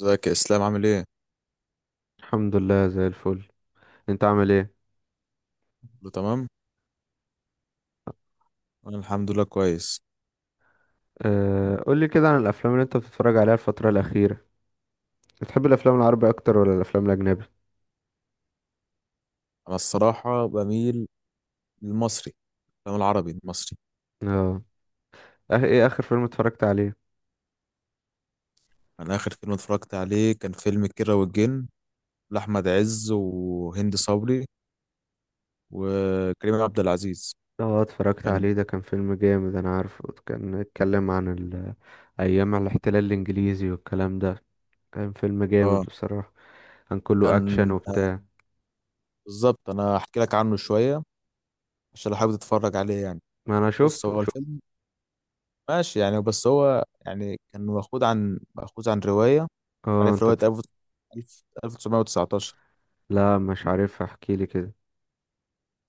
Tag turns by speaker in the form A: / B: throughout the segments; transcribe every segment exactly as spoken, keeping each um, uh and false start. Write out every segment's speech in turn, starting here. A: ازيك يا اسلام؟ عامل ايه؟
B: الحمد لله زي الفل. انت عامل ايه؟
A: كله تمام. انا الحمد لله كويس.
B: أه، قولي كده عن الافلام اللي انت بتتفرج عليها الفتره الاخيره. بتحب الافلام العربي اكتر ولا الافلام الاجنبي؟
A: انا الصراحه بميل للمصري، الافلام العربي المصري.
B: اه. اه، ايه اخر فيلم اتفرجت عليه؟
A: انا اخر فيلم اتفرجت عليه كان فيلم كيرة والجن، لاحمد عز وهند صبري وكريم عبد العزيز.
B: اه، اتفرجت
A: كان
B: عليه، ده كان فيلم جامد، انا عارفه كان اتكلم عن ال- ايام الاحتلال الانجليزي والكلام ده. كان فيلم جامد
A: اه
B: بصراحه. كان كله اكشن
A: كان
B: وبتاع.
A: بالظبط. انا هحكي لك عنه شويه عشان لو حابب تتفرج عليه يعني.
B: ما انا
A: بص،
B: شفت
A: هو
B: شفت
A: الفيلم ماشي يعني، بس هو يعني كان مأخوذ عن مأخوذ عن روايه.
B: اه،
A: عارف
B: انت
A: روايه
B: اتف...
A: تسعتاشر تسعتاشر؟
B: لا، مش عارف، احكي لي كده.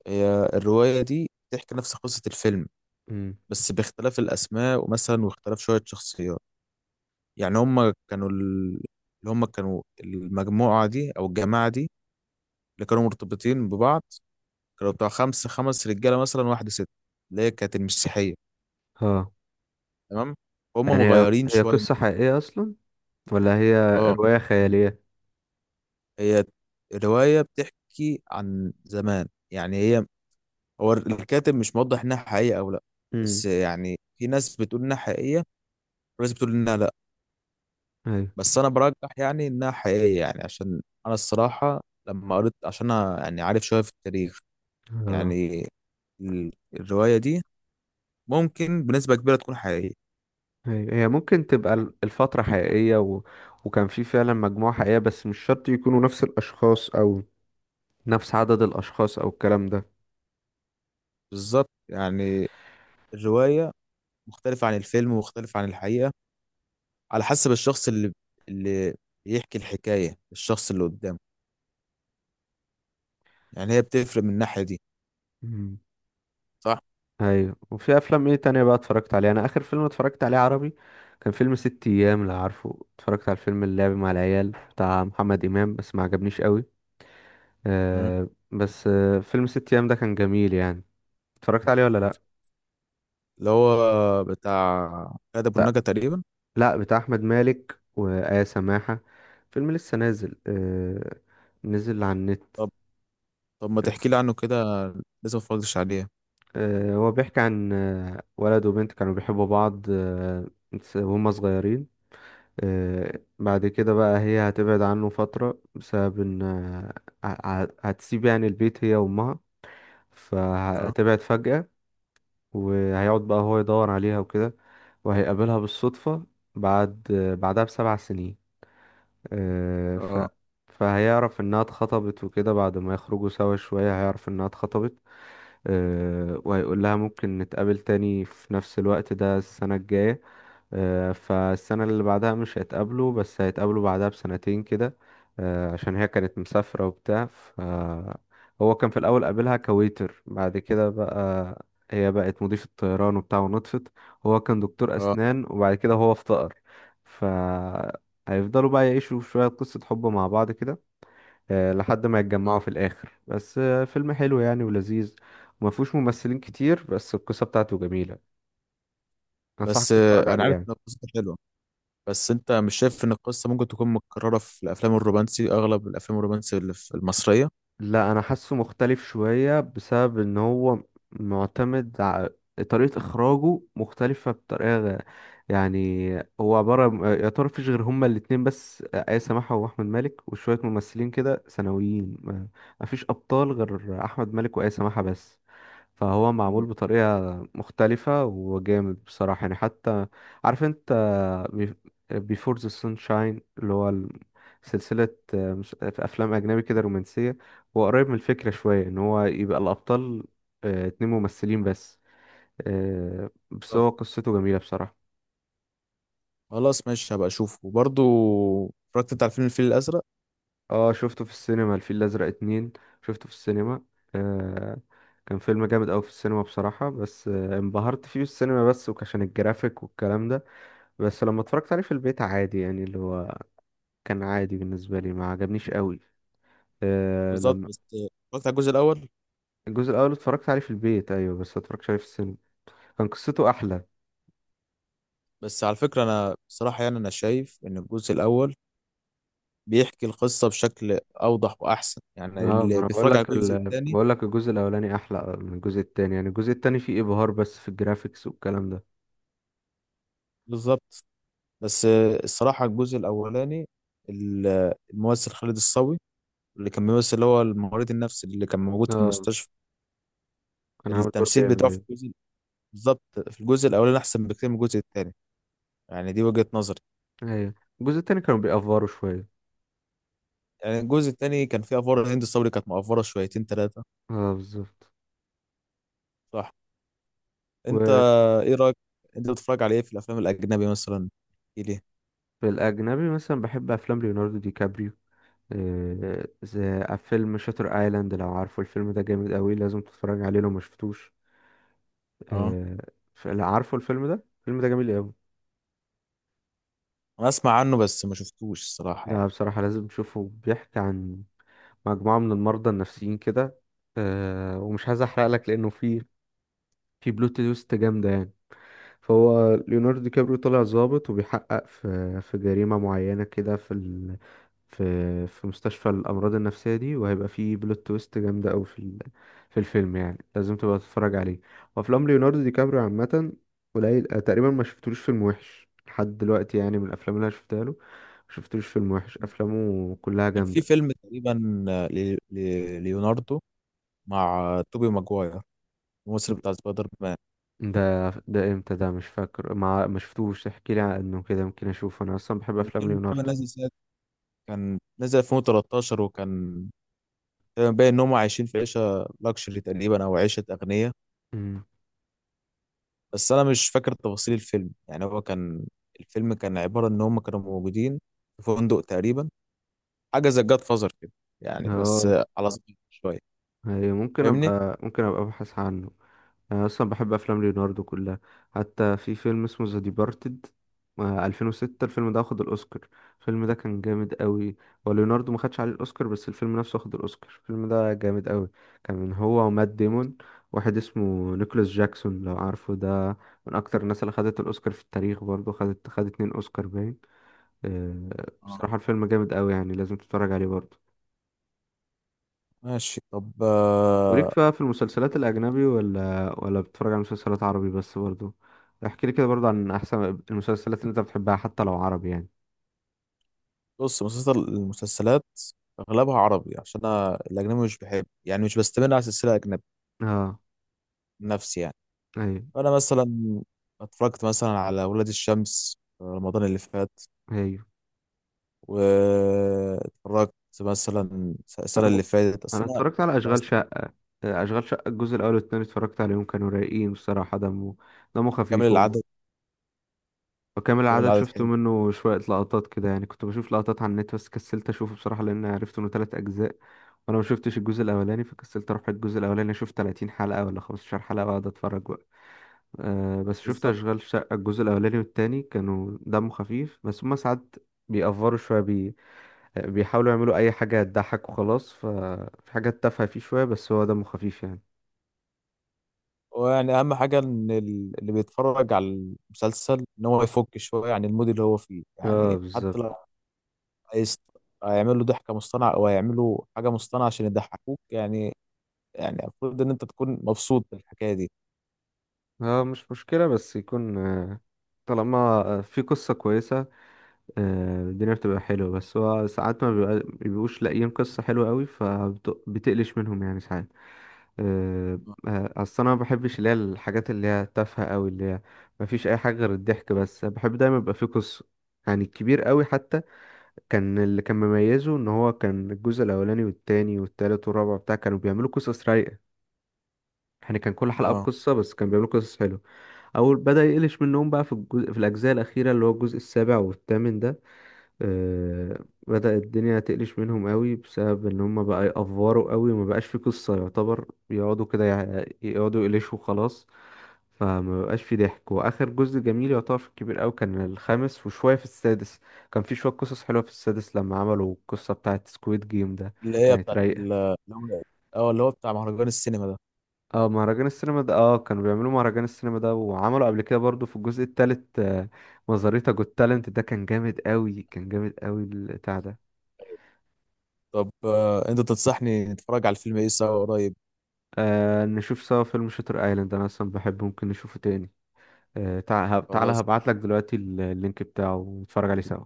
A: هي الرواية دي بتحكي نفس قصة الفيلم،
B: امم.
A: بس باختلاف الأسماء ومثلا واختلاف شوية شخصيات. يعني هما كانوا ال- اللي هما كانوا المجموعة دي أو الجماعة دي، اللي كانوا مرتبطين ببعض، كانوا بتوع خمسة خمس رجالة مثلا واحدة ست، اللي هي كانت المسيحية.
B: اه،
A: تمام، هما
B: يعني هي
A: مغيرين
B: هي
A: شوية.
B: قصه حقيقيه اصلا، ولا هي
A: اه،
B: روايه خياليه؟
A: هي الرواية بتحكي عن زمان. يعني هي هو الكاتب مش موضح إنها حقيقية أو لأ، بس
B: امم.
A: يعني في ناس بتقول إنها حقيقية وناس بتقول إنها لأ.
B: ايوه.
A: بس انا برجح يعني انها حقيقيه، يعني عشان انا الصراحه لما قريت، عشان انا يعني عارف شويه في التاريخ،
B: اه،
A: يعني ال- الروايه دي ممكن بنسبه كبيره تكون حقيقيه.
B: ايوه، هي ممكن تبقى ال- الفترة حقيقية و... وكان في فعلا مجموعة حقيقية، بس مش شرط يكونوا نفس الأشخاص أو نفس عدد الأشخاص أو الكلام ده.
A: بالظبط يعني الروايه مختلفه عن الفيلم ومختلفه عن الحقيقه، على حسب الشخص اللي اللي بيحكي الحكايه الشخص اللي قدامه. يعني هي بتفرق من الناحيه دي.
B: مم.
A: صح.
B: ايوه. وفي أفلام ايه تانية بقى اتفرجت عليها؟ أنا آخر فيلم اتفرجت عليه عربي كان فيلم ست أيام. لو عارفه، اتفرجت على الفيلم اللعب مع العيال بتاع محمد إمام، بس ما عجبنيش قوي.
A: مم.
B: آه، بس آه فيلم ست أيام ده كان جميل يعني. اتفرجت عليه ولا لأ؟
A: اللي هو بتاع كاد ابو النجا تقريبا.
B: لا، بتاع احمد مالك وآية سماحة. فيلم لسه نازل آه نزل على النت.
A: طب طب ما تحكي لي عنه كده، لازم ما اتفرجتش عليه.
B: آه هو بيحكي عن آه ولد وبنت كانوا بيحبوا بعض آه وهم صغيرين. آه بعد كده بقى هي هتبعد عنه فترة، بسبب ان آه ه- هتسيب يعني البيت، هي وامها.
A: اه،
B: فهتبعد فجأة. وهيقعد بقى هو يدور عليها وكده. وهيقابلها بالصدفة بعد، آه بعدها بسبع سنين. آه، ف
A: اه،
B: فهيعرف انها اتخطبت وكده. بعد ما يخرجوا سوا شوية، هيعرف انها اتخطبت. آه، وهيقول لها ممكن نتقابل تاني في نفس الوقت ده السنة الجاية. آه، فالسنة اللي بعدها مش هيتقابلوا، بس هيتقابلوا بعدها بسنتين كده. آه، عشان هي كانت مسافرة وبتاع. ف هو كان في الأول قابلها كويتر. بعد كده بقى هي بقت مضيفة طيران وبتاع ونطفت. هو كان دكتور
A: اه،
B: أسنان وبعد كده هو افتقر. ف هيفضلوا بقى يعيشوا شوية قصة حب مع بعض كده، آه، لحد ما
A: آه.
B: يتجمعوا في الآخر. بس آه، فيلم حلو يعني ولذيذ. وما فيهوش ممثلين كتير، بس القصة بتاعته جميلة، أنصحك
A: بس
B: تتفرج
A: آه، انا
B: عليه
A: عارف
B: يعني.
A: ان القصه حلوه، بس انت مش شايف ان القصه ممكن تكون متكرره في الافلام الرومانسي، اغلب الافلام الرومانسي اللي في المصريه؟
B: لا، انا حاسه مختلف شوية بسبب ان هو معتمد ع- طريقة اخراجه مختلفة بطريقة غ- يعني، هو عبارة م- يا ترى مفيش غير هما الاتنين بس، آية سماحة واحمد مالك، وشوية ممثلين كده ثانويين ما- مفيش ابطال غير احمد مالك وآية سماحة بس. فهو معمول
A: مم.
B: بطريقة مختلفة وجامد بصراحة يعني. حتى، عارف انت بيفور ذا سانشاين، اللي هو ال- سلسلة، آه، مس- في أفلام أجنبي كده رومانسية؟ هو قريب من الفكرة شوية، إن هو يبقى الأبطال آه، اتنين ممثلين بس. آه، بس
A: طب
B: هو قصته جميلة بصراحة.
A: خلاص ماشي، هبقى اشوفه. وبرضه اتفرجت انت على فيلم الفيل الازرق؟
B: اه، شفته في السينما، الفيل الأزرق اتنين. شفته في السينما. آه، كان فيلم جامد أوي في السينما بصراحة، بس آه، انبهرت فيه في السينما بس وعشان الجرافيك والكلام ده. بس لما اتفرجت عليه في البيت عادي، يعني اللي هو كان عادي بالنسبة لي، ما عجبنيش أوي.
A: بالظبط، بس اتفرجت على الجزء الاول.
B: الجزء الاول اتفرجت عليه في البيت، ايوه، بس ما اتفرجتش عليه في السينما. كان قصته احلى.
A: بس على فكره انا بصراحه، يعني انا شايف ان الجزء الاول بيحكي القصه بشكل اوضح واحسن، يعني
B: اه، ما
A: اللي
B: انا بقول
A: بيتفرج على
B: لك
A: الجزء
B: ال...
A: الثاني.
B: بقول لك الجزء الاولاني احلى من الجزء التاني، يعني الجزء التاني فيه ابهار بس في الجرافيكس والكلام ده.
A: بالظبط. بس الصراحه الجزء الاولاني، ال- الممثل خالد الصاوي، اللي كان بيمثل اللي هو الممرض النفسي اللي كان موجود في
B: اه،
A: المستشفى،
B: كان عامل دور
A: التمثيل
B: جامد،
A: بتاعه في
B: ايوه.
A: الجزء، بالظبط، في الجزء الاولاني احسن بكتير من الجزء الثاني. يعني دي وجهة نظري.
B: ايوه، الجزء التاني كانوا بيأفوروا شويه.
A: يعني الجزء الثاني كان فيه افوار، هند صبري كانت مقفره شويتين ثلاثه.
B: اه، بالظبط.
A: صح. انت
B: وفي
A: ايه رايك، انت بتتفرج على ايه في الافلام الاجنبي مثلا؟ ايه ليه؟
B: الاجنبي مثلا بحب افلام ليوناردو دي كابريو. آه، زي فيلم شاتر ايلاند. لو عارفه، الفيلم ده جامد قوي، لازم تتفرج عليه لو ما شفتوش.
A: اه،
B: آه، ف- لا، عارفه الفيلم ده الفيلم ده جميل قوي.
A: انا اسمع عنه بس ما شفتوش الصراحه
B: ده
A: يعني.
B: بصراحة لازم تشوفه. بيحكي عن مجموعة من المرضى النفسيين كده. أه ومش عايز احرق لك، لانه في في بلوت تويست جامدة يعني. فهو ليوناردو دي كابريو طالع ضابط، وبيحقق في في جريمة معينة كده في ال... في في مستشفى الأمراض النفسية دي. وهيبقى في بلوت تويست جامدة أوي في ال... في الفيلم، يعني لازم تبقى تتفرج عليه. وأفلام ليوناردو دي كابريو عامة قليل آه، تقريبا ما شفتلوش فيلم وحش لحد دلوقتي، يعني من الأفلام اللي أنا شفتها له. ما شفتلوش فيلم وحش، أفلامه كلها
A: كان في
B: جامدة.
A: فيلم تقريبا، ل- ل- ليوناردو مع توبي ماجواير، الممثل بتاع سبايدر مان.
B: ده ده امتى؟ ده مش فاكر، ما ما شفتوش، احكي لي عنه كده يمكن اشوفه. انا اصلا بحب
A: كان
B: افلام
A: فيلم كان
B: ليوناردو.
A: نازل سنة كان نزل ألفين وتلتاشر، وكان آه، باين ان هم عايشين في عيشه لاكشري تقريبا، او عيشه اغنياء.
B: امم.
A: بس انا مش فاكر تفاصيل الفيلم. يعني هو كان الفيلم كان عباره ان هم كانوا موجودين في فندق تقريبا، حاجه زي جاد فازر كده، يعني بس
B: اه.
A: على صغير شويه.
B: أيوة، ممكن
A: فاهمني؟
B: ابقى ممكن ابقى ابحث عنه. انا اصلا بحب افلام ليوناردو كلها. حتى في فيلم اسمه ذا ديبارتد ألفين وستة، الفيلم ده واخد الاوسكار. الفيلم ده كان جامد قوي. هو ليوناردو ما خدش عليه الاوسكار، بس الفيلم نفسه واخد الاوسكار. الفيلم ده جامد قوي. كان هو ومات ديمون، واحد اسمه نيكولاس جاكسون لو عارفه ده، من اكتر الناس اللي خدت الاوسكار في التاريخ. برضه خدت خد اتنين اوسكار باين. آه،
A: اه
B: بصراحة الفيلم جامد قوي يعني، لازم تتفرج عليه برضه.
A: ماشي. طب آه،
B: وليك بقى في المسلسلات الأجنبي، ولا ولا بتتفرج على مسلسلات عربي بس برضو؟ احكي لي كده برضو عن أحسن المسلسلات اللي أنت بتحبها، حتى لو عربي يعني.
A: بص، مسلسل المسلسلات اغلبها عربي، عشان انا الاجنبي مش بحب، يعني مش بستمر على سلسله اجنبي
B: اه.
A: نفسي يعني.
B: أيوه.
A: فانا مثلا اتفرجت مثلا على ولاد الشمس في رمضان اللي فات،
B: أيوه،
A: واتفرجت مثلا السنة
B: أنا
A: اللي فاتت
B: أنا
A: أصل أنا،
B: اتفرجت على أشغال
A: بس
B: شقة. آه، أشغال شقة الجزء الأول والتاني اتفرجت عليهم، كانوا رايقين بصراحة، دمه دمه
A: كامل
B: خفيف وم-
A: العدد.
B: وكامل
A: كامل
B: العدد
A: العدد
B: شفت
A: حلو.
B: منه شوية لقطات كده، يعني كنت بشوف لقطات على النت، بس كسلت أشوفه بصراحة لأن عرفت إنه تلات أجزاء. وأنا ما شفتش الجزء الأولاني، فكسلت أروح الجزء الأولاني أشوف تلاتين حلقة ولا خمسة عشر حلقة وأقعد أتفرج. آه بس شفت
A: بالظبط.
B: أشغال شقة الجزء الأولاني والتاني، كانوا دمه خفيف، بس هما ساعات بيأفروا شوية بي... بيحاولوا يعملوا أي حاجة تضحك وخلاص. ففي حاجات تافهة فيه شوية، بس هو دمه خفيف يعني.
A: ويعني أهم حاجة إن ال- اللي بيتفرج على المسلسل إن هو يفك شوية عن المود اللي هو فيه،
B: اه،
A: يعني حتى
B: بالظبط.
A: لو عايز هيعمل له ضحكة مصطنعة أو هيعمل له حاجة مصطنعة عشان يضحكوك يعني. يعني المفروض إن أنت تكون مبسوط بالحكاية دي.
B: اه، مش مشكلة بس يكون آه، طالما آه، في قصة كويسة. آه، الدنيا بتبقى حلوة، بس هو ساعات ما بيبقى- بيبقوش لاقيين قصة حلوة قوي، فبتقلش منهم يعني ساعات. آه، آه، اصل انا ما بحبش اللي هي الحاجات اللي هي تافهه قوي، اللي هي ما فيش اي حاجه غير الضحك بس. بحب دايما يبقى فيه قصه، يعني الكبير قوي حتى، كان اللي كان مميزه ان هو كان الجزء الاولاني والتاني والتالت والرابع بتاع كانوا بيعملوا قصص رايقه. يعني كان كل حلقه
A: اه،
B: بقصه، بس كانوا بيعملوا قصص حلوه. اول بدأ يقلش منهم بقى في الجزء في الاجزاء الاخيره، اللي هو الجزء السابع والثامن ده. آه، بدأ الدنيا تقلش منهم قوي، بسبب ان هم بقى يأفوروا قوي وما بقاش في قصة، يعتبر يقعدوا كده يع- يقعدوا يقلشوا خلاص. فما بقاش في ضحك. واخر جزء جميل يعتبر في الكبير قوي كان الخامس، وشوية في السادس. كان في شوية قصص حلوة في السادس لما عملوا القصة بتاعة سكويد جيم ده.
A: اللي هي
B: كانت
A: بتاعت
B: رايقة.
A: ال- اللي هو، اه، اللي هو بتاع مهرجان السينما ده.
B: اه، مهرجان السينما ده. اه، كانوا بيعملوا مهرجان السينما ده، وعملوا قبل كده برضو في الجزء التالت آه، مزاريتا جوت تالنت ده كان جامد قوي، كان جامد قوي البتاع ده.
A: طب آه، انت تنصحني نتفرج على الفيلم ايه سوا قريب؟
B: آه نشوف سوا فيلم شاتر ايلاند. انا اصلا بحبه، ممكن نشوفه تاني. آه تع- هب- تعالى،
A: خلاص،
B: هبعت لك دلوقتي ال- اللينك بتاعه ونتفرج عليه سوا.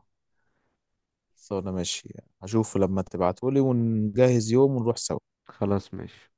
A: خلاص انا ماشي. هشوفه لما تبعتولي ونجهز يوم ونروح سوا.
B: خلاص، ماشي.